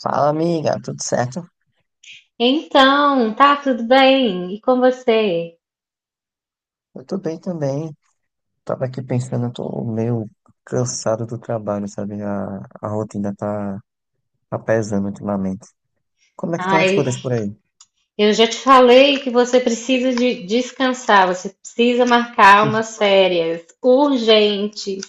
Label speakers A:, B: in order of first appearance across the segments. A: Fala, amiga, tudo certo?
B: Então, tá tudo bem? E com você?
A: Eu tô bem também. Tava aqui pensando, eu tô meio cansado do trabalho, sabe? A rotina tá pesando ultimamente. Como é que estão as
B: Ai,
A: coisas por aí?
B: eu já te falei que você precisa de descansar, você precisa marcar umas férias urgentes.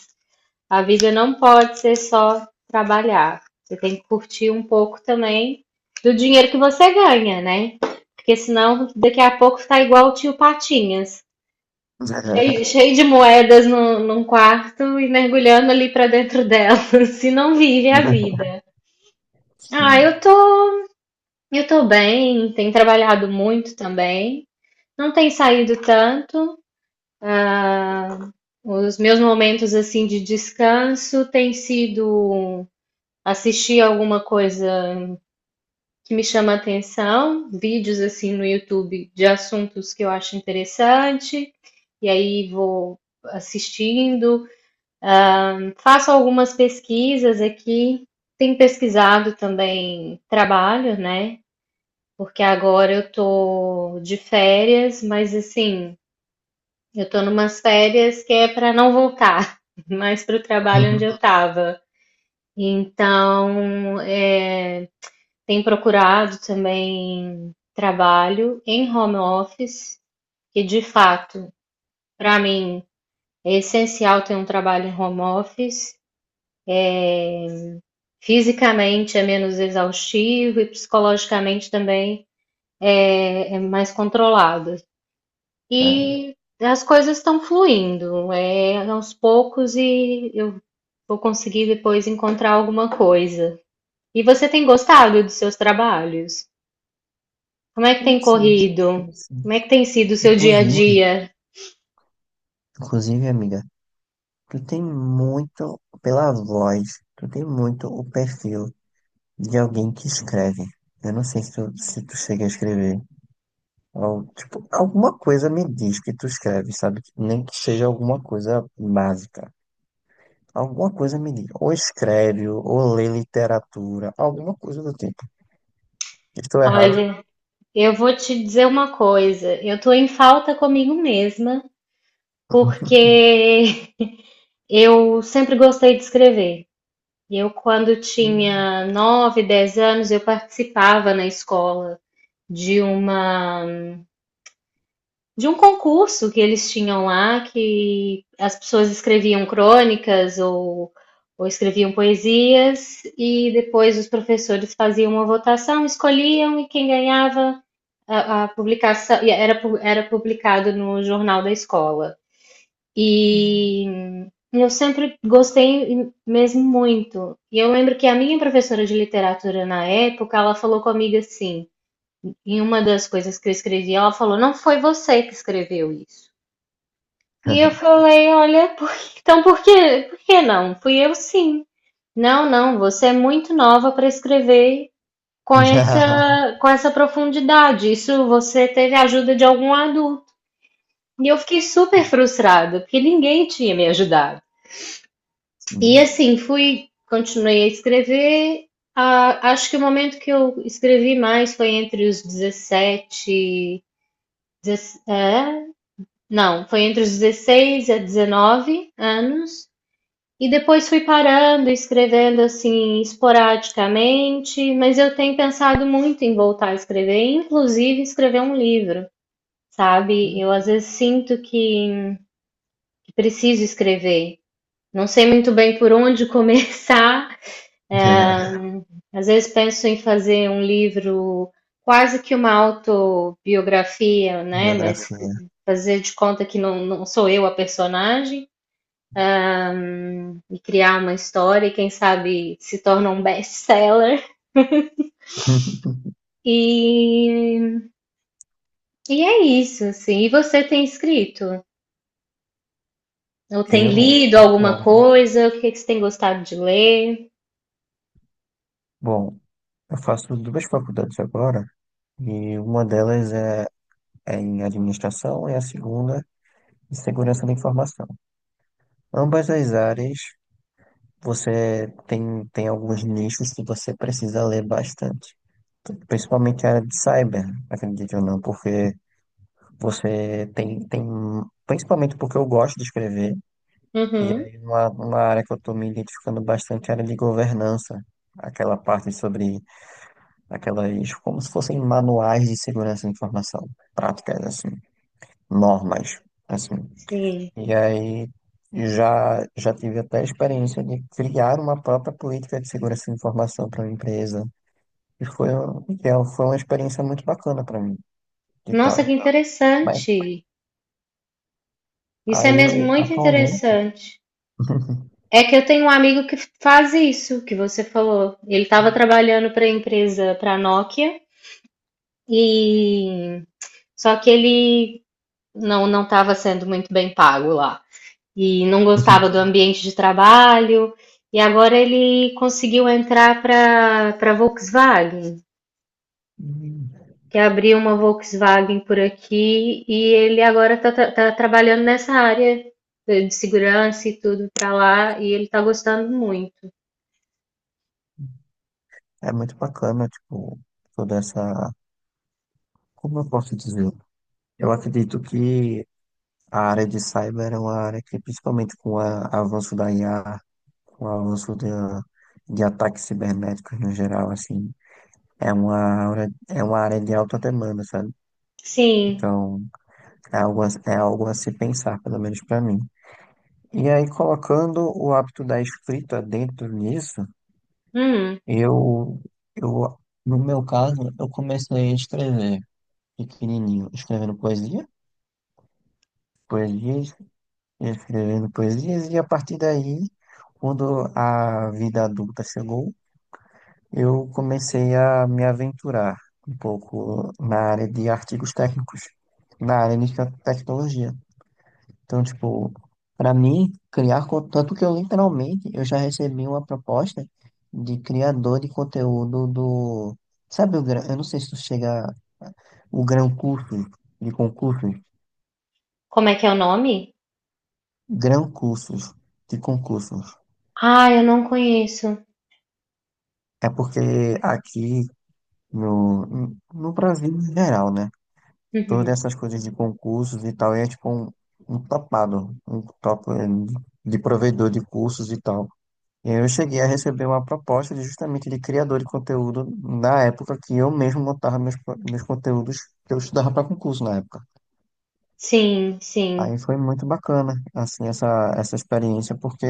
B: A vida não pode ser só trabalhar. Você tem que curtir um pouco também do dinheiro que você ganha, né? Porque senão daqui a pouco tá igual o tio Patinhas, cheio de moedas no, num quarto e mergulhando ali pra dentro delas, se não vive a vida. Ah,
A: Sim.
B: eu tô Eu tô bem, tenho trabalhado muito também. Não tem saído tanto. Os meus momentos assim de descanso têm sido assistir alguma coisa que me chama atenção, vídeos assim no YouTube de assuntos que eu acho interessante, e aí vou assistindo. Faço algumas pesquisas aqui. Tenho pesquisado também trabalho, né? Porque agora eu tô de férias, mas assim, eu tô numas férias que é para não voltar mais para o trabalho onde eu estava. Então, tem procurado também trabalho em home office, que de fato, para mim, é essencial ter um trabalho em home office. Fisicamente é menos exaustivo e psicologicamente também é mais controlado.
A: É,
B: E as coisas estão fluindo, é aos poucos e eu vou conseguir depois encontrar alguma coisa. E você tem gostado dos seus trabalhos? Como é que
A: tenho
B: tem
A: sim,
B: corrido?
A: tenho sim.
B: Como é que tem sido o seu dia a
A: Inclusive,
B: dia?
A: inclusive, amiga, tu tem muito, pela voz, tu tem muito o perfil de alguém que escreve. Eu não sei se tu chega a escrever. Tipo, alguma coisa me diz que tu escreve, sabe? Que nem que seja alguma coisa básica. Alguma coisa me diz. Ou escreve, ou lê literatura, alguma coisa do tipo. Estou errado?
B: Olha, eu vou te dizer uma coisa, eu tô em falta comigo mesma, porque eu sempre gostei de escrever. Eu, quando
A: Hum.
B: tinha 9 10 anos, eu participava na escola de uma de um concurso que eles tinham lá, que as pessoas escreviam crônicas ou escreviam poesias, e depois os professores faziam uma votação, escolhiam, e quem ganhava a publicação era publicado no jornal da escola. E eu sempre gostei mesmo muito. E eu lembro que a minha professora de literatura na época, ela falou comigo assim, em uma das coisas que eu escrevi, ela falou: "Não foi você que escreveu isso". E eu falei, olha, então por que não? Fui eu sim. Não, não, você é muito nova para escrever
A: Já.
B: com essa profundidade. Isso você teve a ajuda de algum adulto. E eu fiquei super frustrada, porque ninguém tinha me ajudado. E
A: Sim.
B: assim, continuei a escrever. Ah, acho que o momento que eu escrevi mais foi entre os 17, 17, é, não, foi entre os 16 a 19 anos. E depois fui parando, escrevendo assim esporadicamente, mas eu tenho pensado muito em voltar a escrever, inclusive escrever um livro, sabe? Eu às vezes sinto que preciso escrever. Não sei muito bem por onde começar.
A: Já.
B: Às vezes penso em fazer um livro quase que uma autobiografia, né? Mas
A: Biografia.
B: fazer de conta que não sou eu a personagem e criar uma história e quem sabe se torna um best-seller. E, e é isso, assim. E você tem escrito? Ou tem
A: Eu
B: lido alguma
A: atualmente.
B: coisa? O que que você tem gostado de ler?
A: Bom, eu faço duas faculdades agora, e uma delas é em administração e a segunda em segurança da informação. Ambas as áreas você tem alguns nichos que você precisa ler bastante. Principalmente a área de cyber, acredite ou não, porque você principalmente porque eu gosto de escrever, e
B: Uhum,
A: aí uma área que eu estou me identificando bastante é a área de governança, aquela parte sobre aquelas, como se fossem manuais de segurança da informação, práticas assim, normas, assim.
B: sim.
A: E aí já tive até a experiência de criar uma própria política de segurança de informação para uma empresa. E foi, foi uma experiência muito bacana para mim e
B: Nossa, que
A: tal. Mas
B: interessante. Isso é mesmo
A: aí,
B: muito
A: atualmente,
B: interessante. É que eu tenho um amigo que faz isso que você falou. Ele estava trabalhando para a empresa, para a Nokia, e só que ele não estava sendo muito bem pago lá, e não gostava do ambiente de trabalho, e agora ele conseguiu entrar para Volkswagen,
A: Hum.
B: que abriu uma Volkswagen por aqui, e ele agora está trabalhando nessa área de segurança e tudo para lá, e ele está gostando muito.
A: É muito bacana, tipo, toda essa. Como eu posso dizer? Eu acredito que a área de cyber é uma área que, principalmente com o avanço da IA, com o avanço de ataques cibernéticos no geral, assim, é uma, é uma área de alta demanda, sabe?
B: Sim.
A: Então, é algo, é algo a se pensar, pelo menos para mim. E aí, colocando o hábito da escrita dentro nisso,
B: Hum.
A: eu, eu, no meu caso, eu comecei a escrever pequenininho, escrevendo poesias, escrevendo poesias, e a partir daí, quando a vida adulta chegou, eu comecei a me aventurar um pouco na área de artigos técnicos, na área de tecnologia. Então, tipo, para mim, criar, tanto que eu literalmente, eu já recebi uma proposta de criador de conteúdo do, sabe o Gran, eu não sei se tu chega, o Gran Cursos, de concursos,
B: Como é que é o nome?
A: Gran Cursos, de concursos.
B: Ah, eu não conheço.
A: É porque aqui no Brasil em geral, né? Todas
B: Uhum.
A: essas coisas de concursos e tal, é tipo um, um topado, um top de provedor de cursos e tal. E aí eu cheguei a receber uma proposta de, justamente de criador de conteúdo na época que eu mesmo montava meus, meus conteúdos que eu estudava para concurso na época.
B: Sim, sim,
A: Aí foi muito bacana, assim, essa experiência, porque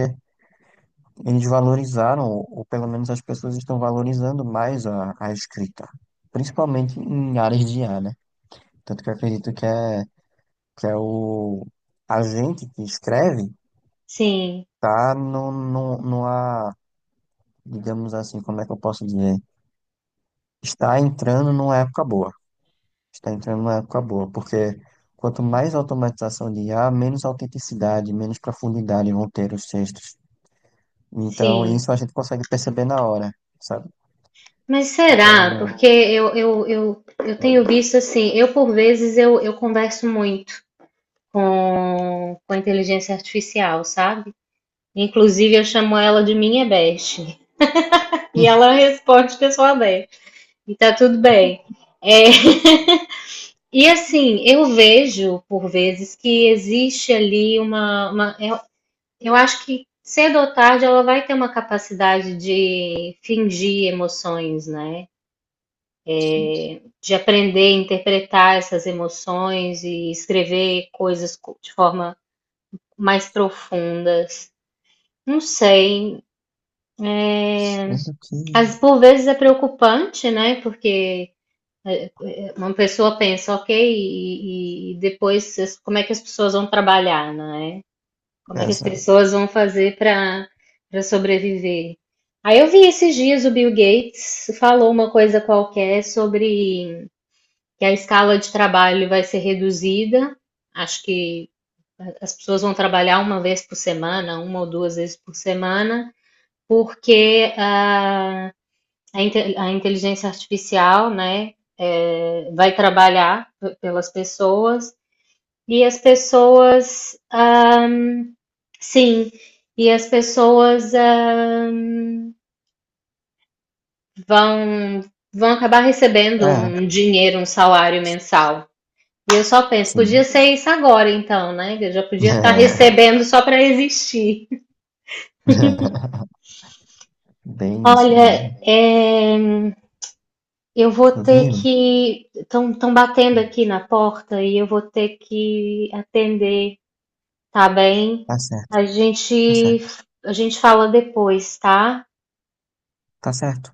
A: eles valorizaram, ou pelo menos as pessoas estão valorizando mais a escrita, principalmente em áreas de IA, né? Tanto que eu acredito que é o a gente que escreve,
B: sim,
A: tá no, no, numa, digamos assim, como é que eu posso dizer? Está entrando numa época boa. Está entrando numa época boa, porque quanto mais automatização de IA, menos autenticidade, menos profundidade vão ter os textos. Então,
B: sim.
A: isso a gente consegue perceber na hora, sabe?
B: Mas será?
A: Então,
B: Porque eu tenho visto assim, eu por vezes eu converso muito com a inteligência artificial, sabe? Inclusive eu chamo ela de minha best. E ela responde pessoalmente. E tá tudo bem. É, e assim, eu vejo por vezes que existe ali eu acho que cedo ou tarde ela vai ter uma capacidade de fingir emoções, né?
A: sim,
B: De aprender a interpretar essas emoções e escrever de forma mais profundas. Não sei.
A: sendo que.
B: Às, por vezes é preocupante, né? Porque uma pessoa pensa, ok, como é que as pessoas vão trabalhar, né? Como é que as
A: Exato.
B: pessoas vão fazer para sobreviver? Aí eu vi esses dias o Bill Gates falou uma coisa qualquer sobre que a escala de trabalho vai ser reduzida. Acho que as pessoas vão trabalhar uma vez por semana, uma ou duas vezes por semana, porque a inteligência artificial né, vai trabalhar pelas pessoas e sim, as pessoas vão, vão acabar recebendo
A: É,
B: um dinheiro, um salário mensal. E eu só penso, podia
A: sim.
B: ser isso agora então, né? Eu já podia estar recebendo só para existir.
A: Bem isso
B: Olha,
A: mesmo.
B: eu vou ter
A: Inclusive,
B: que. Estão batendo aqui na porta e eu vou ter que atender, tá bem?
A: tá certo.
B: A
A: Tá
B: gente,
A: certo.
B: a gente fala depois, tá?
A: Tá certo.